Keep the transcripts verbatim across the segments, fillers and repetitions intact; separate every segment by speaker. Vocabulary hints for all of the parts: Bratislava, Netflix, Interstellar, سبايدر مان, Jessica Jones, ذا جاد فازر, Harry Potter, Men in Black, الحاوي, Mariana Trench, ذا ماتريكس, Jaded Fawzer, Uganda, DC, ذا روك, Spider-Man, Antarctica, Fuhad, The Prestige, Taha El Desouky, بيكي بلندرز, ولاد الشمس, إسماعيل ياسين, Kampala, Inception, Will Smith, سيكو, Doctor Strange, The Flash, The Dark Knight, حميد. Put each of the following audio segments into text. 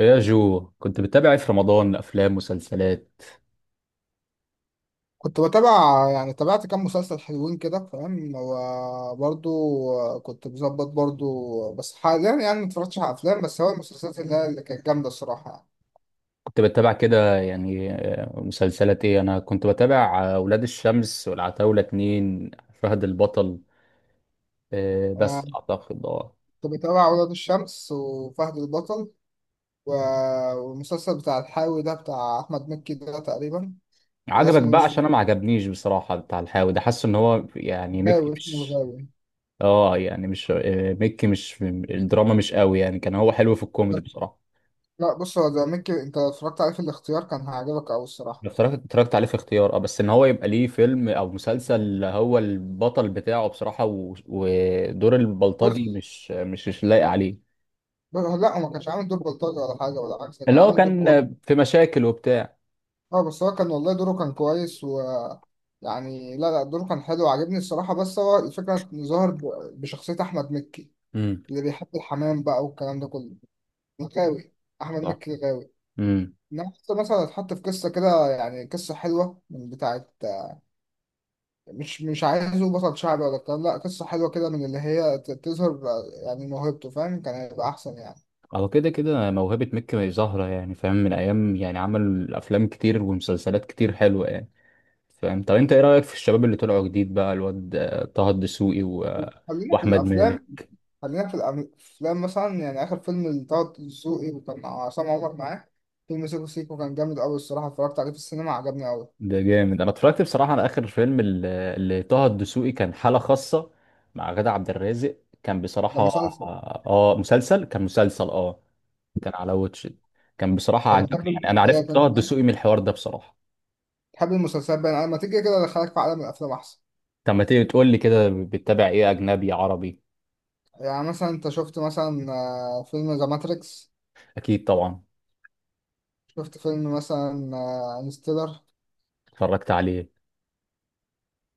Speaker 1: إيه يا جو، كنت بتتابع ايه في رمضان؟ افلام؟ مسلسلات؟
Speaker 2: كنت بتابع، يعني تابعت كام مسلسل حلوين كده فاهم، وبرضو كنت بظبط برضو، بس حاليا يعني ما اتفرجتش على افلام. بس هو المسلسلات اللي هي اللي كانت جامده الصراحه.
Speaker 1: كنت بتابع كده يعني، آه، مسلسلات ايه؟ انا كنت بتابع آه، ولاد الشمس والعتاولة، اتنين. فهد البطل. آه،
Speaker 2: يعني
Speaker 1: بس
Speaker 2: انا
Speaker 1: اعتقد اه
Speaker 2: كنت بتابع ولاد الشمس وفهد البطل و- والمسلسل بتاع الحاوي ده بتاع احمد مكي ده تقريبا. وده
Speaker 1: عجبك
Speaker 2: اسمه
Speaker 1: بقى؟
Speaker 2: مش
Speaker 1: عشان انا ما عجبنيش بصراحة بتاع الحاوي ده. حاسه ان هو يعني مكي
Speaker 2: غاوي، اسمه
Speaker 1: مش.
Speaker 2: الغاوي.
Speaker 1: اه يعني مش، آه، مكي مش الدراما، مش قوي يعني، كان هو حلو في الكوميدي بصراحة.
Speaker 2: لا، بص، هو ده مكي، انت لو اتفرجت عليه في الاختيار كان هيعجبك قوي الصراحه.
Speaker 1: اتفرجت اتفرجت عليه في اختيار، اه بس ان هو يبقى ليه فيلم او مسلسل هو البطل بتاعه بصراحة، و... ودور البلطجي
Speaker 2: بص
Speaker 1: مش مش مش لايق عليه.
Speaker 2: بص- لا، هو ما كانش عامل دور بلطجي ولا حاجه، ولا عكس، كان
Speaker 1: اللي هو
Speaker 2: عامل دور
Speaker 1: كان
Speaker 2: كويس.
Speaker 1: في مشاكل وبتاع.
Speaker 2: اه بس هو كان والله دوره كان كويس و يعني، لا لا دوره كان حلو وعجبني الصراحة. بس هو الفكرة إنه ظهر ب- بشخصية أحمد مكي
Speaker 1: امم.
Speaker 2: اللي بيحب الحمام بقى والكلام ده كله. غاوي، أحمد
Speaker 1: صح.
Speaker 2: مكي غاوي.
Speaker 1: امم.
Speaker 2: إنما حتى مثلا اتحط في قصة كده، يعني قصة حلوة من بتاعة، مش مش عايزه بطل شعبي ولا الكلام، لا قصة حلوة كده من اللي هي ت- تظهر يعني موهبته فاهم، كان هيبقى أحسن يعني.
Speaker 1: هو كده كده موهبة مكي ظاهرة يعني، فاهم، من ايام، يعني عمل افلام كتير ومسلسلات كتير حلوة يعني، فاهم. طب انت ايه رأيك في الشباب اللي طلعوا جديد بقى؟ الواد آه، طه الدسوقي و... آه،
Speaker 2: خلينا في
Speaker 1: واحمد
Speaker 2: الأفلام
Speaker 1: مالك.
Speaker 2: خلينا في الأفلام مثلا، يعني آخر فيلم لطه دسوقي وكان عصام عمر معاه، فيلم سيكو سيكو، كان جامد أوي الصراحة، اتفرجت عليه في السينما، عجبني أوي.
Speaker 1: ده جامد. انا اتفرجت بصراحه على اخر فيلم ال- اللي طه الدسوقي كان حاله خاصه، مع غادة عبد الرازق. كان
Speaker 2: ده
Speaker 1: بصراحه.
Speaker 2: مسلسل.
Speaker 1: اه مسلسل، كان مسلسل، اه. كان على واتش إت. كان بصراحه
Speaker 2: أنا بتحب
Speaker 1: عجبني يعني، انا
Speaker 2: المسلسلات
Speaker 1: عرفت طه
Speaker 2: أنت، ها؟
Speaker 1: الدسوقي من الحوار ده بصراحه.
Speaker 2: بتحب المسلسلات بقى، أنا لما تيجي كده أدخلك في عالم الأفلام أحسن.
Speaker 1: طب ما تيجي تقول لي كده، بتتابع ايه؟ اجنبي؟ عربي؟
Speaker 2: يعني مثلا أنت شفت مثلا آه، فيلم ذا ماتريكس.
Speaker 1: اكيد طبعا.
Speaker 2: شفت فيلم مثلا آه، انستيلر.
Speaker 1: اتفرجت عليه.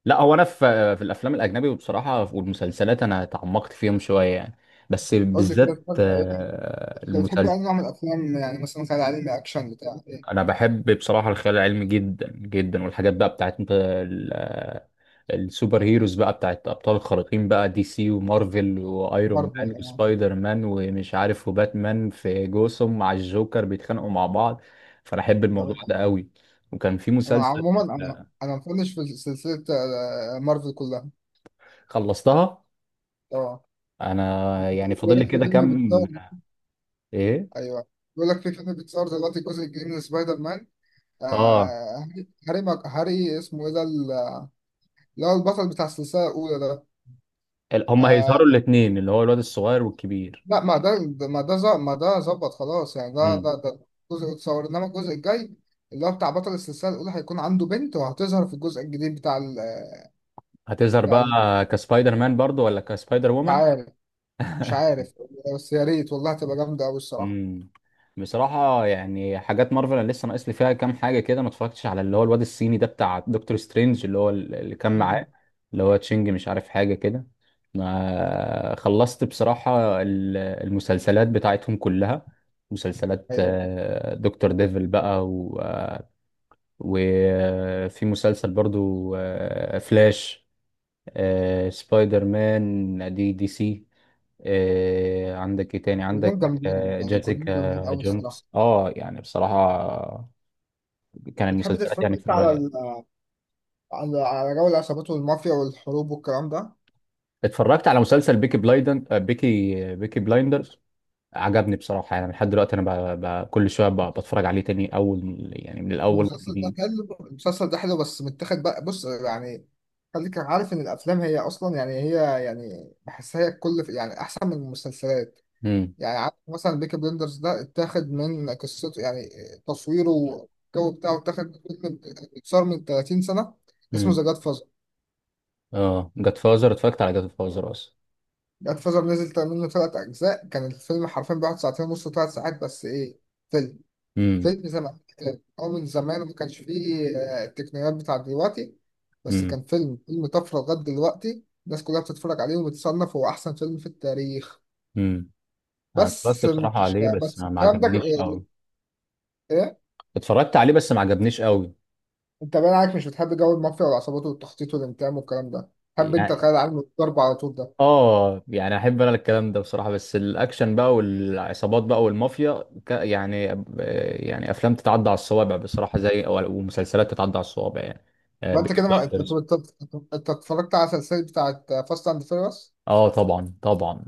Speaker 1: لا، هو انا في في الافلام الاجنبي وبصراحه والمسلسلات، انا تعمقت فيهم شويه يعني. بس
Speaker 2: قول لي كده
Speaker 1: بالذات
Speaker 2: اتفرجت على إيه.
Speaker 1: آه،
Speaker 2: أنت بتحب أي
Speaker 1: المسلسل.
Speaker 2: نوع من الأفلام؟ يعني مثلا خيال علمي، أكشن، بتاع إيه.
Speaker 1: انا بحب بصراحه الخيال العلمي جدا جدا، والحاجات بقى بتاعت انت ال- السوبر هيروز بقى، بتاعت ابطال الخارقين بقى، دي سي ومارفل وايرون
Speaker 2: مارفل
Speaker 1: مان
Speaker 2: يعني؟
Speaker 1: وسبايدر مان ومش عارف، وباتمان في جوثام مع الجوكر بيتخانقوا مع بعض. فانا احب
Speaker 2: طب
Speaker 1: الموضوع ده قوي. وكان في
Speaker 2: أنا
Speaker 1: مسلسل.
Speaker 2: عموما أنا أنا مفنش في سلسلة آه، مارفل كلها
Speaker 1: خلصتها.
Speaker 2: طبعا.
Speaker 1: انا يعني
Speaker 2: بيقول
Speaker 1: فاضل
Speaker 2: لك
Speaker 1: لي
Speaker 2: في
Speaker 1: كده
Speaker 2: فيلم
Speaker 1: كام.
Speaker 2: بيتصور.
Speaker 1: ايه؟
Speaker 2: ايوه، بيقول لك في فيلم بيتصور دلوقتي الجزء الجديد من سبايدر مان. آه
Speaker 1: اه،
Speaker 2: هاري هاري ماك- هاري اسمه ايه ده، ال- اللي هو البطل بتاع السلسله الاولى ده.
Speaker 1: ال- هما
Speaker 2: آه،
Speaker 1: هيظهروا الاثنين، اللي هو الواد الصغير والكبير.
Speaker 2: لا ما ده ما ده ظ- ما ده ظبط، خلاص يعني، ده
Speaker 1: مم.
Speaker 2: ده ده جزء اتصور، انما الجزء الجاي اللي هو بتاع بطل السلسله الاولى هيكون عنده بنت، وهتظهر في الجزء الجديد بتاع ال
Speaker 1: هتظهر
Speaker 2: بتاع
Speaker 1: بقى
Speaker 2: ال
Speaker 1: كسبايدر مان برضو ولا كسبايدر
Speaker 2: مش
Speaker 1: وومن؟
Speaker 2: عارف مش عارف بس يا ريت والله هتبقى جامده قوي الصراحه.
Speaker 1: امم. بصراحة يعني حاجات مارفل انا لسه ناقص لي فيها كام حاجة كده. ما اتفرجتش على اللي هو الواد الصيني ده بتاع دكتور سترينج، اللي هو ال- اللي كان
Speaker 2: م- م.
Speaker 1: معاه، اللي هو تشينج، مش عارف حاجة كده. ما خلصت بصراحة ال- المسلسلات بتاعتهم كلها. مسلسلات
Speaker 2: ايوه،
Speaker 1: آه، دكتور ديفل بقى، و- آه، وفي مسلسل برضو آه، فلاش، آه، سبايدر مان، دي، دي سي، آه، عندك ايه تاني؟
Speaker 2: كلهم
Speaker 1: عندك
Speaker 2: جامدين
Speaker 1: آه،
Speaker 2: يعني، كلهم جامدين
Speaker 1: جيسيكا
Speaker 2: قوي الصراحه.
Speaker 1: جونز. اه يعني بصراحة كان
Speaker 2: بتحب
Speaker 1: المسلسلات
Speaker 2: تتفرج
Speaker 1: يعني في
Speaker 2: انت على
Speaker 1: الرأي.
Speaker 2: على على جو العصابات والمافيا والحروب والكلام ده؟
Speaker 1: اتفرجت على مسلسل بيكي بلايدن آه، بيكي بيكي بلايندرز. عجبني بصراحة يعني، لحد دلوقتي انا ب... ب... كل شوية ب... بتفرج عليه تاني اول، يعني من الاول
Speaker 2: المسلسل ده
Speaker 1: والجديد.
Speaker 2: حلو المسلسل ده حلو بس متاخد بقى. بص يعني، خليك عارف ان الافلام هي اصلا، يعني هي، يعني بحسها هي كل يعني احسن من المسلسلات.
Speaker 1: امم.
Speaker 2: يعني عارف مثلا بيكي بلندرز ده اتاخد من قصته، يعني تصويره والجو بتاعه اتاخد من فيلم، اتصور من ثلاثين سنة سنه، اسمه
Speaker 1: امم.
Speaker 2: ذا جاد فازر.
Speaker 1: اه، جاد فازر. اتفرجت على جاد فازر اصلا.
Speaker 2: جاد فازر نزل منه ثلاث اجزاء، كان الفيلم حرفيا بيقعد ساعتين ونص، ثلاث ساعات، بس ايه، فيلم
Speaker 1: امم.
Speaker 2: فيلم زمان آه، أو من زمان ما كانش فيه آه، التقنيات بتاعت دلوقتي. بس
Speaker 1: امم.
Speaker 2: كان فيلم فيلم طفرة، لغاية دلوقتي الناس كلها بتتفرج عليه وبتصنف هو أحسن فيلم في التاريخ.
Speaker 1: امم. انا اتفرجت
Speaker 2: بس
Speaker 1: بصراحة
Speaker 2: مش
Speaker 1: عليه بس
Speaker 2: بس
Speaker 1: ما ما
Speaker 2: الكلام ده
Speaker 1: عجبنيش قوي.
Speaker 2: إيه؟
Speaker 1: اتفرجت عليه بس ما عجبنيش قوي.
Speaker 2: أنت باين عليك مش بتحب جو المافيا والعصابات والتخطيط والانتقام والكلام ده. تحب أنت الخيال العلمي والضرب على طول ده.
Speaker 1: اه يعني احب انا الكلام ده بصراحه، بس الاكشن بقى والعصابات بقى والمافيا ك- يعني، آه، يعني افلام تتعدى على الصوابع بصراحه، زي أو- ومسلسلات تتعدى على الصوابع، يعني آه،
Speaker 2: ما أنت
Speaker 1: بيكي
Speaker 2: كده ما... أنت
Speaker 1: بلايندرز.
Speaker 2: أنت أنت أنت اتفرجت على السلسلة بتاعت فاست أند فيرس،
Speaker 1: اه طبعا طبعا.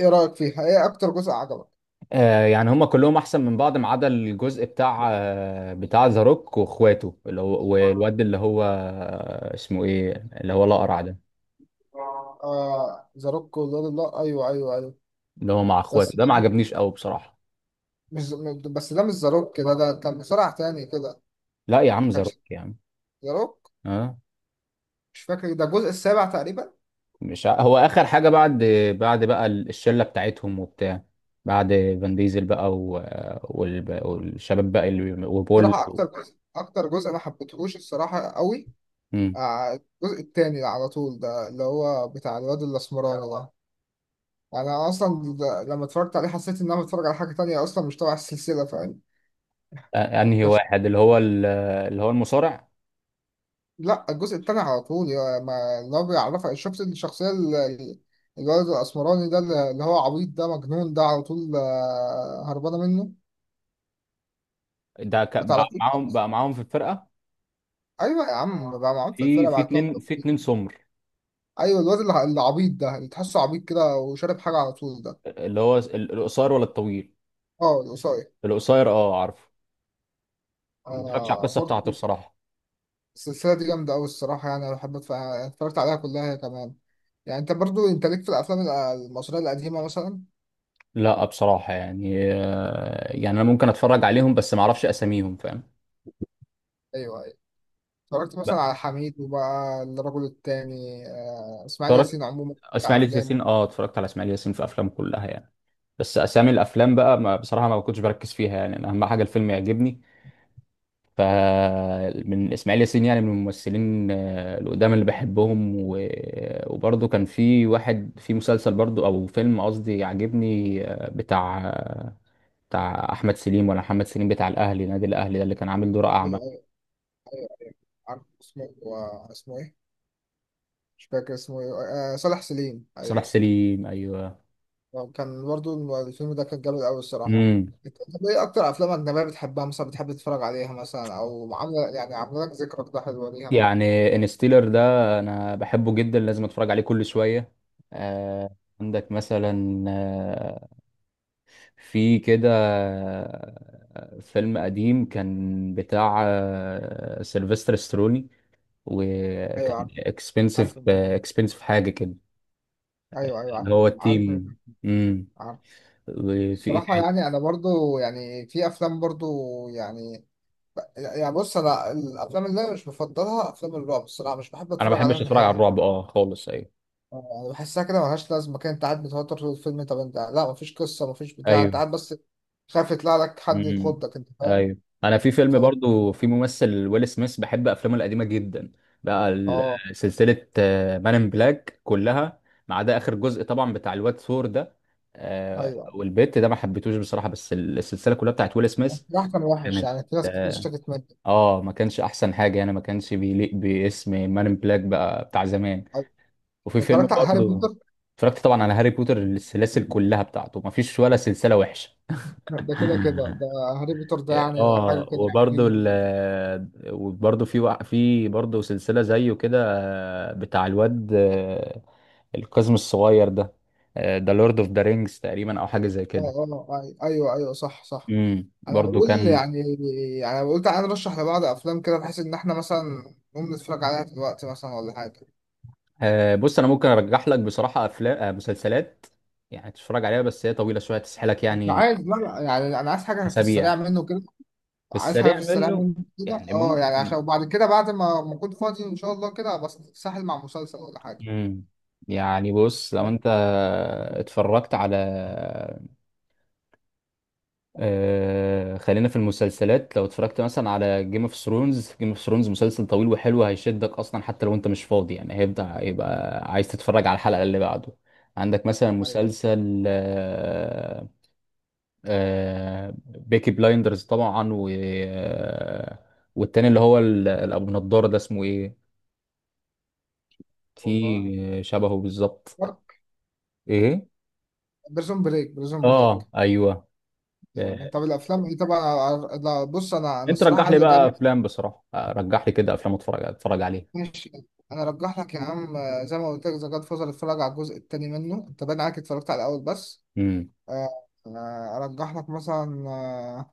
Speaker 2: إيه رأيك فيها؟ إيه أكتر جزء عجبك؟
Speaker 1: آه يعني هما كلهم احسن من بعض، ما عدا الجزء بتاع آه بتاع ذا روك واخواته، اللي هو والواد اللي هو آه، اسمه ايه، اللي هو الاقرع ده،
Speaker 2: آه ذا روك، والله أيوه أيوه أيوه.
Speaker 1: اللي هو مع اخواته
Speaker 2: بس
Speaker 1: ده، ما عجبنيش قوي بصراحه.
Speaker 2: مش بس ده مش ذا روك، ده ده ده مصارع تاني كده.
Speaker 1: لا يا عم، ذا
Speaker 2: كانش
Speaker 1: روك يا عم،
Speaker 2: ذا روك،
Speaker 1: اه.
Speaker 2: مش فاكر، ده الجزء السابع تقريبا.
Speaker 1: مش ع... هو اخر حاجه بعد، بعد بقى ال- الشله بتاعتهم وبتاع، بعد فان ديزل بقى و... وال... والشباب بقى، اللي وبول.
Speaker 2: صراحة أكتر جزء أكتر جزء ما حبيتهوش الصراحة قوي.
Speaker 1: مم.
Speaker 2: آه، الجزء التاني على طول ده، اللي هو بتاع الواد الأسمراني ده. يعني أنا أصلا ده- لما اتفرجت عليه حسيت إن أنا بتفرج على حاجة تانية أصلا، مش تبع السلسلة فاهم.
Speaker 1: أ- انهي
Speaker 2: كانش-
Speaker 1: واحد؟ اللي هو ال، اللي هو المصارع
Speaker 2: لا، الجزء التاني على طول يا- ما اللي هو بيعرفك، شفت الشخصية ال- ال- الولد الأسمراني ده، اللي اللي هو عبيط ده، مجنون ده على طول، آه، هربانة منه.
Speaker 1: ده ك...
Speaker 2: ما
Speaker 1: بقى
Speaker 2: تعرفوش
Speaker 1: معاهم
Speaker 2: ده؟
Speaker 1: بقى معاهم في الفرقه.
Speaker 2: ايوه يا عم، بقى معاهم في
Speaker 1: في
Speaker 2: الفرقه
Speaker 1: في
Speaker 2: بعد كده.
Speaker 1: اتنين في اتنين سمر.
Speaker 2: ايوه الواد اللي اللي عبيط ده، اللي تحسه عبيط كده وشارب حاجه على طول ده.
Speaker 1: اللي هو ال- القصير ولا الطويل؟
Speaker 2: اه، القصير.
Speaker 1: القصير، اه، عارفه. ما اتفرجتش على
Speaker 2: آه
Speaker 1: القصه
Speaker 2: برضه.
Speaker 1: بتاعته بصراحه.
Speaker 2: السلسله دي جامده قوي الصراحه، يعني انا بحب أتف- اتفرجت عليها كلها هي كمان. يعني انت برضه انت ليك في الافلام ال- المصريه القديمه مثلا.
Speaker 1: لا بصراحه يعني، آه، يعني انا ممكن اتفرج عليهم بس ما اعرفش اساميهم، فاهم.
Speaker 2: ايوه ايوه. اتفرجت مثلا على حميد وبقى الرجل التاني، آه اسماعيل
Speaker 1: اتفرجت.
Speaker 2: ياسين عموما بتاع
Speaker 1: اسماعيل
Speaker 2: افلامه.
Speaker 1: ياسين، اه، اتفرجت على اسماعيل ياسين في افلامه كلها يعني. بس اسامي الافلام بقى، ما بصراحه ما كنتش بركز فيها يعني، أنا اهم حاجه الفيلم يعجبني. ف، من اسماعيل ياسين يعني، من الممثلين آه، القدام اللي بحبهم. و... وبرضه كان في واحد في مسلسل برضه او فيلم قصدي، عاجبني آه، بتاع آه، بتاع احمد سليم ولا محمد سليم، بتاع الاهلي، نادي الاهلي ده، اللي كان عامل دور اعمى.
Speaker 2: عارف اسمه آه، اسمه ايه، مش فاكر اسمه ايه. آه، صالح سليم،
Speaker 1: صلاح
Speaker 2: ايوه.
Speaker 1: سليم، ايوه.
Speaker 2: آه، كان برضو الفيلم ده كان جامد أوي الصراحة.
Speaker 1: امم.
Speaker 2: أنت طب إيه أكتر أفلام أجنبية بتحبها مثلا، بتحب تتفرج عليها مثلا، أو عاملة، يعني عاملة لك ذكرى كده حلوة ليها.
Speaker 1: يعني انستيلر ده انا بحبه جدا، لازم اتفرج عليه كل شويه. آه. عندك مثلا آه، في كده آه، فيلم قديم كان بتاع آه سيلفستر ستروني،
Speaker 2: أيوه
Speaker 1: وكان
Speaker 2: عارف،
Speaker 1: اكسبنسيف
Speaker 2: عارف الموضوع.
Speaker 1: اكسبنسيف حاجه كده.
Speaker 2: أيوه أيوه
Speaker 1: اللي
Speaker 2: عارف
Speaker 1: هو
Speaker 2: الموضوع. عارف الموضوع.
Speaker 1: التيم. امم.
Speaker 2: عارف.
Speaker 1: وفي ايه
Speaker 2: الصراحة
Speaker 1: تاني؟
Speaker 2: يعني أنا برضو يعني في أفلام برضو، يعني، يعني بص، أنا الأفلام اللي أنا مش بفضلها أفلام الرعب الصراحة، مش بحب
Speaker 1: انا ما
Speaker 2: أتفرج عليها
Speaker 1: بحبش اتفرج على
Speaker 2: نهائي.
Speaker 1: الرعب، اه، خالص. ايوه.
Speaker 2: يعني بحسها كده ملهاش لازمة كده، أنت قاعد متوتر طول الفيلم، طب أنت لا، مفيش قصة، مفيش بتاع، أنت
Speaker 1: ايوه.
Speaker 2: قاعد بس خايف يطلع لك حد
Speaker 1: امم.
Speaker 2: يخضك، أنت فاهم؟
Speaker 1: ايوه. انا في فيلم برضو، في ممثل ويل سميث، بحب افلامه القديمه جدا، بقى ال-
Speaker 2: اه
Speaker 1: سلسله مان ان بلاك كلها، ما عدا اخر جزء طبعا بتاع الواد ثور ده آه،
Speaker 2: ايوه.
Speaker 1: والبت ده، ما حبيتوش بصراحه، بس السلسله كلها بتاعت ويل سميث
Speaker 2: راح كان وحش،
Speaker 1: كانت
Speaker 2: يعني في ناس كتير
Speaker 1: اه.
Speaker 2: اشتكت منه.
Speaker 1: آه، ما كانش احسن حاجه يعني، ما كانش بيليق باسم مان ان بلاك بقى بتاع زمان. وفي فيلم
Speaker 2: اتفرجت على هاري
Speaker 1: برضو.
Speaker 2: بوتر.
Speaker 1: اتفرجت طبعا على هاري بوتر، السلاسل كلها بتاعته، ما فيش ولا سلسله وحشه.
Speaker 2: ده كده كده ده. هاري بوتر ده يعني حاجه
Speaker 1: اه.
Speaker 2: كده
Speaker 1: وبرضه
Speaker 2: عجيبه
Speaker 1: ال
Speaker 2: بجد.
Speaker 1: وبرضه في وع- في برضه سلسلة زيه كده آه، بتاع الواد آه، القزم الصغير ده، ذا لورد اوف ذا رينجز تقريبا او حاجة زي
Speaker 2: اه
Speaker 1: كده.
Speaker 2: اه، أي- ايوه ايوه، صح صح.
Speaker 1: امم
Speaker 2: انا
Speaker 1: برضه
Speaker 2: بقول
Speaker 1: كان.
Speaker 2: يعني يعني انا قلت عايز ارشح لبعض افلام كده بحيث ان احنا مثلا نقوم نتفرج عليها دلوقتي مثلا ولا حاجه.
Speaker 1: آه، بص انا ممكن ارجح لك بصراحة افلام، مسلسلات يعني تتفرج عليها، بس هي طويلة شوية، تسحلك
Speaker 2: مش
Speaker 1: يعني.
Speaker 2: عايز، لا لا، يعني انا عايز حاجه في
Speaker 1: اسابيع.
Speaker 2: السريع منه كده.
Speaker 1: بس
Speaker 2: عايز حاجه في
Speaker 1: سريع
Speaker 2: السريع
Speaker 1: منه.
Speaker 2: منه كده،
Speaker 1: يعني
Speaker 2: اه يعني عشان،
Speaker 1: ممكن.
Speaker 2: وبعد كده بعد ما ما اكون فاضي ان شاء الله كده، بس ساحل مع مسلسل ولا حاجه.
Speaker 1: امم. يعني بص، لو انت اتفرجت على، آه خلينا في المسلسلات، لو اتفرجت مثلا على جيم اوف ثرونز، جيم اوف ثرونز مسلسل طويل وحلو، هيشدك اصلا حتى لو انت مش فاضي يعني، هيبدأ يبقى عايز تتفرج على الحلقة اللي بعده. عندك مثلا
Speaker 2: ايوه
Speaker 1: مسلسل آه، آه بيكي بلايندرز طبعا، و آه، والتاني اللي هو ال- الابو نضارة ده اسمه ايه،
Speaker 2: والله،
Speaker 1: في شبهه بالظبط. ايه.
Speaker 2: بريزون بريك بريزون
Speaker 1: اه
Speaker 2: بريك.
Speaker 1: ايوه. آه،
Speaker 2: يعني طب الافلام، ايه طبعا. لا بص، انا انا
Speaker 1: انت
Speaker 2: الصراحه
Speaker 1: رجح لي
Speaker 2: عايز
Speaker 1: بقى
Speaker 2: اجامل.
Speaker 1: افلام بصراحة، آه، رجح لي كده افلام، اتفرج اتفرج عليها.
Speaker 2: ماشي. انا ارجح لك يا عم، آه، زي ما قلت لك ذا جاد فازر، اتفرج على الجزء الثاني منه، انت باين عليك اتفرجت على الاول بس.
Speaker 1: امم.
Speaker 2: آه، آه، ارجح لك مثلا آه،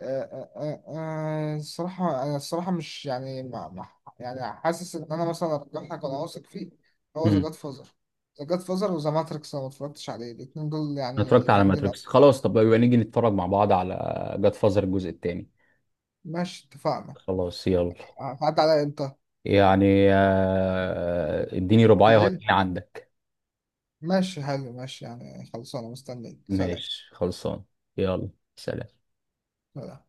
Speaker 2: آه، آه، آه، آه، الصراحه، انا الصراحه مش يعني ما ما- يعني حاسس ان انا مثلا ارجح لك وانا واثق فيه. هو ذا جاد فازر ذا جاد فازر وذا ماتريكس، انا ما اتفرجتش عليه، الاثنين دول
Speaker 1: انا اتفرجت
Speaker 2: يعني
Speaker 1: على
Speaker 2: جامدين قوي.
Speaker 1: ماتريكس خلاص، طب يبقى نيجي نتفرج مع بعض على جاد فازر الجزء الثاني.
Speaker 2: ماشي، اتفقنا.
Speaker 1: خلاص يلا.
Speaker 2: هتعدي عليا امتى؟
Speaker 1: يعني آه، اديني رباعية
Speaker 2: بالليل.
Speaker 1: وهتلاقيني عندك.
Speaker 2: ماشي حلو، ماشي، يعني خلصانة، مستنيك، سلام.
Speaker 1: ماشي خلصان. يلا. سلام.
Speaker 2: سلام.